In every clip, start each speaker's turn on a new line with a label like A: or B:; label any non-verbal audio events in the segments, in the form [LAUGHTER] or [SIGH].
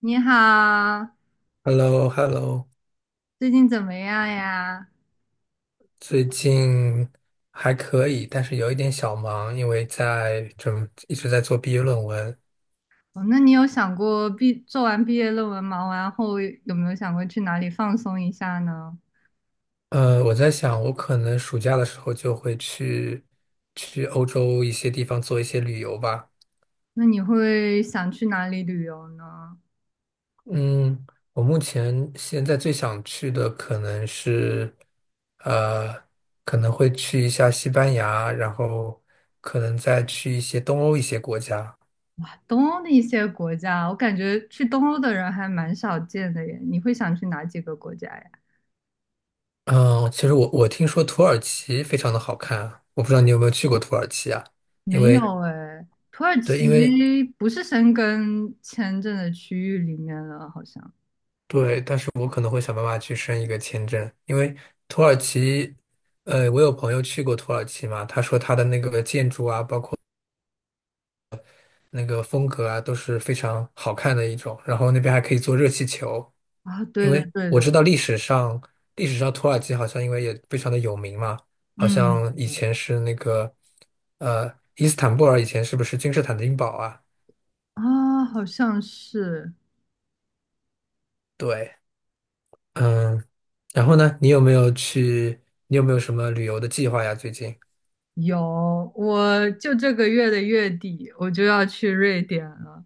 A: 你好，
B: h e l l o h e l l o
A: 最近怎么样呀？
B: 最近还可以，但是有一点小忙，因为一直在做毕业论文。
A: 哦，那你有想过做完毕业论文忙完后有没有想过去哪里放松一下呢？
B: 我在想，我可能暑假的时候就会去欧洲一些地方做一些旅游吧。
A: 那你会想去哪里旅游呢？
B: 嗯，我目前现在最想去的可能是，呃，可能会去一下西班牙，然后可能再去一些东欧一些国家。
A: 东欧的一些国家，我感觉去东欧的人还蛮少见的耶。你会想去哪几个国家呀？
B: 嗯，其实我听说土耳其非常的好看啊，我不知道你有没有去过土耳其啊？因
A: 没
B: 为
A: 有哎，土耳
B: 对，
A: 其不是申根签证的区域里面了，好像。
B: 对，但是我可能会想办法去申一个签证，因为土耳其，我有朋友去过土耳其嘛，他说他的那个建筑啊，包括，那个风格啊，都是非常好看的一种。然后那边还可以做热气球，
A: 啊，对
B: 因
A: 的
B: 为
A: 对
B: 我知
A: 的，
B: 道历史上土耳其好像因为也非常的有名嘛，好
A: 嗯，
B: 像
A: 是
B: 以
A: 的。
B: 前是那个，伊斯坦布尔以前是不是君士坦丁堡啊？
A: 啊，好像是。
B: 对，嗯，然后呢，你有没有去？你有没有什么旅游的计划呀？最近？
A: 有，我就这个月的月底我就要去瑞典了。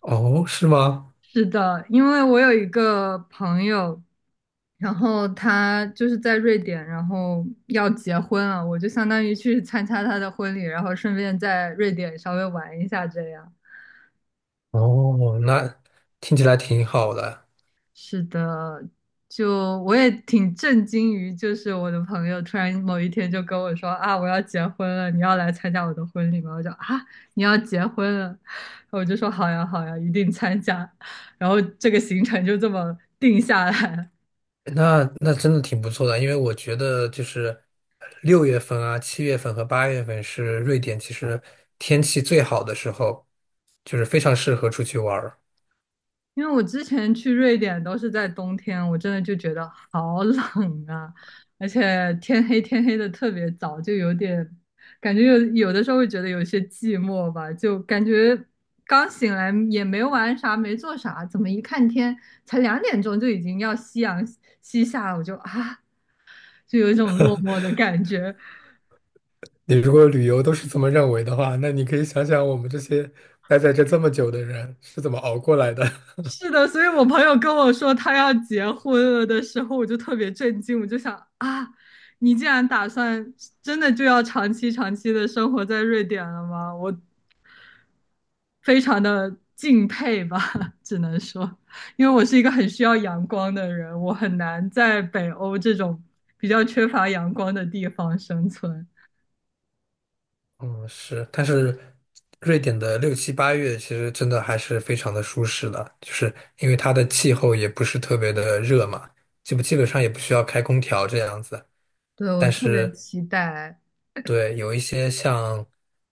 B: 哦，是吗？
A: 是的，因为我有一个朋友，然后他就是在瑞典，然后要结婚了，我就相当于去参加他的婚礼，然后顺便在瑞典稍微玩一下这样。
B: 哦，那听起来挺好的。
A: 是的，就我也挺震惊于，就是我的朋友突然某一天就跟我说啊，我要结婚了，你要来参加我的婚礼吗？我就啊，你要结婚了，我就说好呀好呀，一定参加。然后这个行程就这么定下来了。
B: 那真的挺不错的，因为我觉得就是6月份啊、7月份和8月份是瑞典其实天气最好的时候，就是非常适合出去玩儿。
A: 因为我之前去瑞典都是在冬天，我真的就觉得好冷啊，而且天黑天黑的特别早，就有点感觉有的时候会觉得有些寂寞吧，就感觉刚醒来也没玩啥，没做啥，怎么一看天才2点钟就已经要夕阳西下了，我就啊，就有一种落寞的感觉。
B: 你如果旅游都是这么认为的话，那你可以想想我们这些待在这这么久的人是怎么熬过来的。[LAUGHS]
A: 是的，所以我朋友跟我说他要结婚了的时候，我就特别震惊，我就想啊，你竟然打算真的就要长期长期的生活在瑞典了吗？我非常的敬佩吧，[LAUGHS] 只能说，因为我是一个很需要阳光的人，我很难在北欧这种比较缺乏阳光的地方生存。
B: 嗯，是，但是瑞典的六七八月其实真的还是非常的舒适的，就是因为它的气候也不是特别的热嘛，基本上也不需要开空调这样子。
A: 对，我
B: 但
A: 特别
B: 是
A: 期待。
B: 对，有一些像，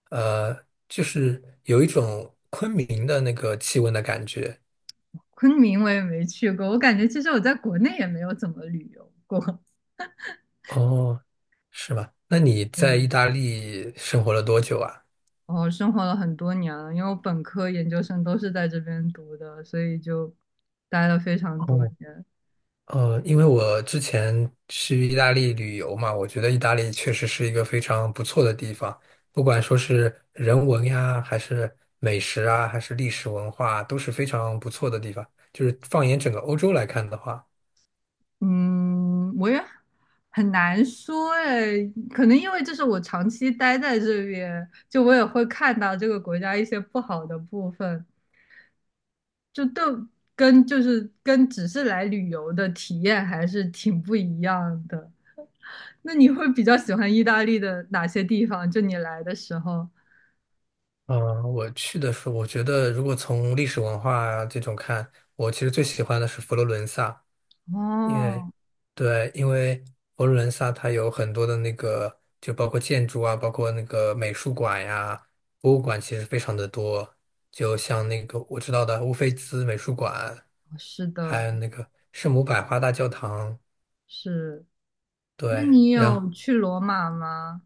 B: 就是有一种昆明的那个气温的感觉。
A: 昆明，我也没去过，我感觉其实我在国内也没有怎么旅游过，
B: 哦，是吗？那你
A: [LAUGHS]
B: 在意
A: 嗯。
B: 大利生活了多久啊？
A: 哦，生活了很多年了，因为我本科、研究生都是在这边读的，所以就待了非常多
B: 哦，
A: 年。
B: 因为我之前去意大利旅游嘛，我觉得意大利确实是一个非常不错的地方，不管说是人文呀，还是美食啊，还是历史文化，都是非常不错的地方。就是放眼整个欧洲来看的话，
A: 嗯，我也很难说诶，可能因为这是我长期待在这边，就我也会看到这个国家一些不好的部分，就都就是跟只是来旅游的体验还是挺不一样的。那你会比较喜欢意大利的哪些地方？就你来的时候，
B: 嗯、我去的时候，我觉得如果从历史文化这种看，我其实最喜欢的是佛罗伦萨，因为
A: 哦，
B: 对，因为佛罗伦萨它有很多的那个，就包括建筑啊，包括那个美术馆呀、博物馆，其实非常的多。就像那个我知道的乌菲兹美术馆，
A: 是
B: 还
A: 的，
B: 有那个圣母百花大教堂。
A: 是。那
B: 对，
A: 你
B: 然后
A: 有去罗马吗？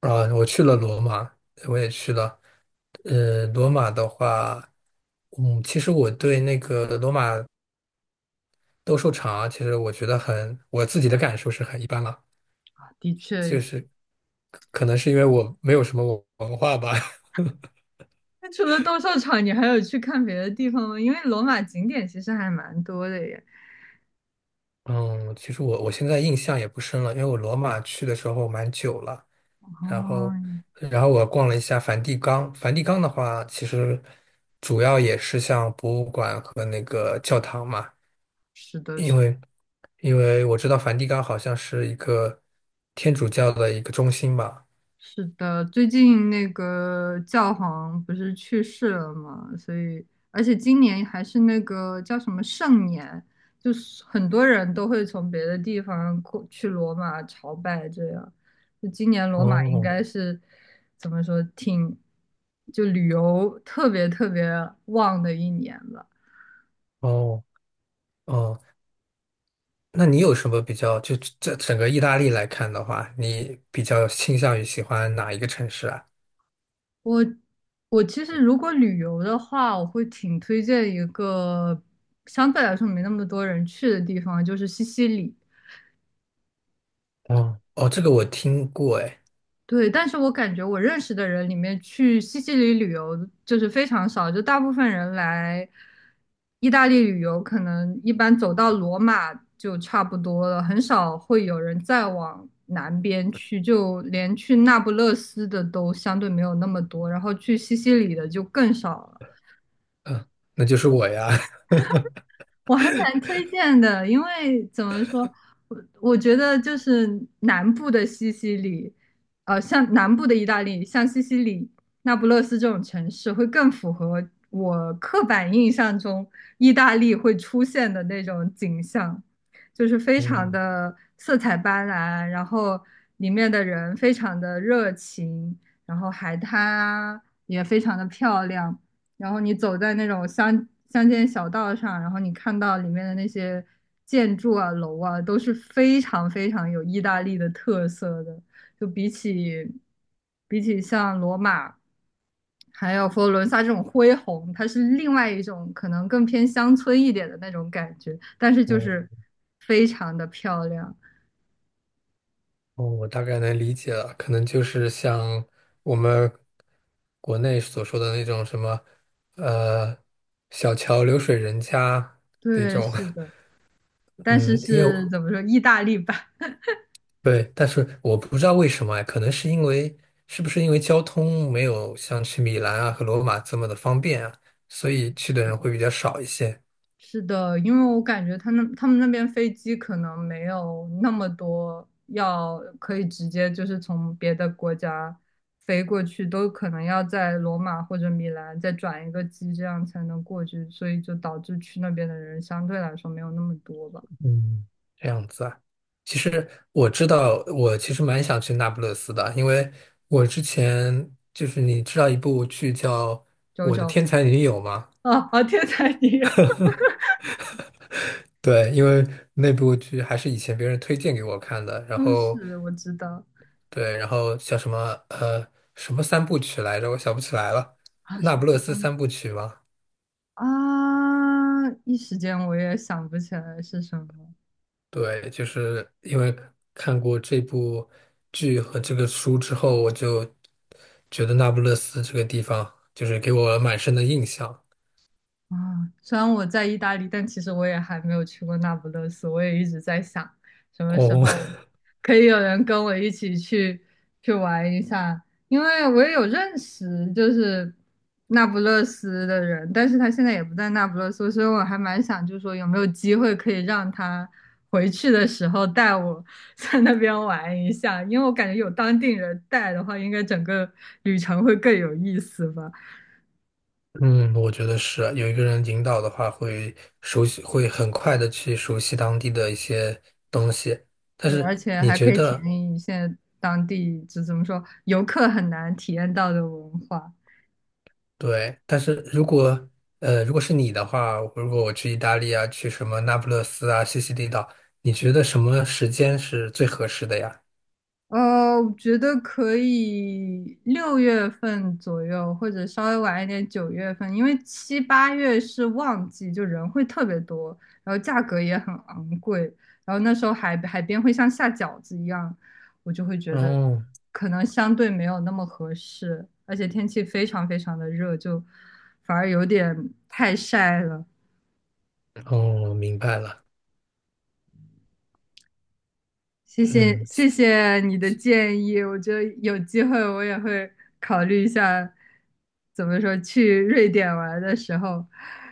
B: 啊，我去了罗马，我也去了。罗马的话，其实我对那个罗马斗兽场啊，其实我觉得很，我自己的感受是很一般了。
A: 啊，的确。
B: 就是，可能是因为我没有什么文化吧。[LAUGHS]
A: 那除了斗兽场，你还有去看别的地方吗？因为罗马景点其实还蛮多的耶。
B: 嗯，其实我现在印象也不深了，因为我罗马去的时候蛮久了，
A: 哦，
B: 然后然后我逛了一下梵蒂冈。梵蒂冈的话，其实主要也是像博物馆和那个教堂嘛，
A: 是是的，
B: 因为因为我知道梵蒂冈好像是一个天主教的一个中心吧。
A: 是的，最近那个教皇不是去世了嘛，所以而且今年还是那个叫什么圣年，就是很多人都会从别的地方过去罗马朝拜，这样。就今年罗马应
B: 哦
A: 该是怎么说，挺就旅游特别特别旺的一年吧。
B: 哦哦，那你有什么比较，就这整个意大利来看的话，你比较倾向于喜欢哪一个城市啊？
A: 我我其实如果旅游的话，我会挺推荐一个相对来说没那么多人去的地方，就是西西里。
B: 哦哦，这个我听过，哎，
A: 对，但是我感觉我认识的人里面去西西里旅游就是非常少，就大部分人来意大利旅游，可能一般走到罗马就差不多了，很少会有人再往南边去，就连去那不勒斯的都相对没有那么多，然后去西西里的就更少了。
B: 那就是我呀。[LAUGHS]
A: 我还蛮推荐的，因为怎么说，我觉得就是南部的西西里，像南部的意大利，像西西里、那不勒斯这种城市，会更符合我刻板印象中意大利会出现的那种景象，就是非常
B: 嗯，
A: 的色彩斑斓，然后里面的人非常的热情，然后海滩啊也非常的漂亮。然后你走在那种乡间小道上，然后你看到里面的那些建筑啊、楼啊，都是非常非常有意大利的特色的。就比起像罗马还有佛罗伦萨这种恢宏，它是另外一种可能更偏乡村一点的那种感觉，但是就
B: 哦
A: 是非常的漂亮。
B: 哦，我大概能理解了，可能就是像我们国内所说的那种什么，呃，小桥流水人家那
A: 对，
B: 种。
A: 是
B: [LAUGHS]
A: 的，但是
B: 嗯，因为
A: 是怎么说，意大利版。
B: 对，但是我不知道为什么哎，可能是因为是不是因为交通没有像去米兰啊和罗马这么的方便啊，所以
A: [LAUGHS]
B: 去的
A: 是
B: 人会比
A: 的
B: 较少一些。
A: 是的，因为我感觉他们那边飞机可能没有那么多要可以直接就是从别的国家飞过去，都可能要在罗马或者米兰再转一个机，这样才能过去，所以就导致去那边的人相对来说没有那么多吧。
B: 嗯，这样子啊。其实我知道，我其实蛮想去那不勒斯的，因为我之前就是你知道一部剧叫
A: 九
B: 《我的
A: 九。
B: 天才女友》吗？
A: 啊，啊，天才你，
B: 对，因为那部剧还是以前别人推荐给我看的，然
A: 嗯，
B: 后
A: 是我知道。
B: 对，然后叫什么呃什么三部曲来着，我想不起来了，
A: 啊，
B: 《那
A: 小
B: 不
A: 了
B: 勒斯
A: 三。
B: 三部曲》吗？
A: 啊，一时间我也想不起来是什么。
B: 对，就是因为看过这部剧和这个书之后，我就觉得那不勒斯这个地方就是给我蛮深的印象。
A: 啊，虽然我在意大利，但其实我也还没有去过那不勒斯。我也一直在想，什么时
B: 哦，
A: 候可以有人跟我一起去玩一下，因为我也有认识就是那不勒斯的人，但是他现在也不在那不勒斯，所以我还蛮想，就是说有没有机会可以让他回去的时候带我 [LAUGHS] 在那边玩一下，因为我感觉有当地人带的话，应该整个旅程会更有意思吧。
B: [LAUGHS] 嗯，我觉得是有一个人引导的话，会熟悉，会很快的去熟悉当地的一些东西。但
A: 对，而
B: 是
A: 且
B: 你
A: 还可
B: 觉
A: 以体
B: 得，
A: 验一些当地，就怎么说，游客很难体验到的文化。
B: 对，但是如果是你的话，如果我去意大利啊，去什么那不勒斯啊、西西里岛，你觉得什么时间是最合适的呀？
A: 呃，我觉得可以6月份左右，或者稍微晚一点9月份，因为7、8月是旺季，就人会特别多，然后价格也很昂贵，然后那时候海边会像下饺子一样，我就会觉得
B: 哦
A: 可能相对没有那么合适，而且天气非常非常的热，就反而有点太晒了。
B: 哦，明白了。嗯，
A: 谢谢你的建议，我觉得有机会我也会考虑一下，怎么说去瑞典玩的时候，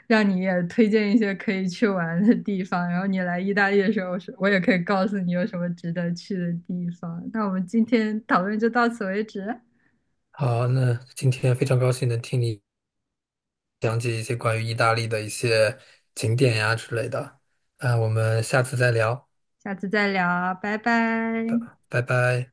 A: 让你也推荐一些可以去玩的地方，然后你来意大利的时候，我也可以告诉你有什么值得去的地方。那我们今天讨论就到此为止，
B: 好，那今天非常高兴能听你讲解一些关于意大利的一些景点呀之类的。那我们下次再聊，
A: 下次再聊，拜拜。
B: 拜拜。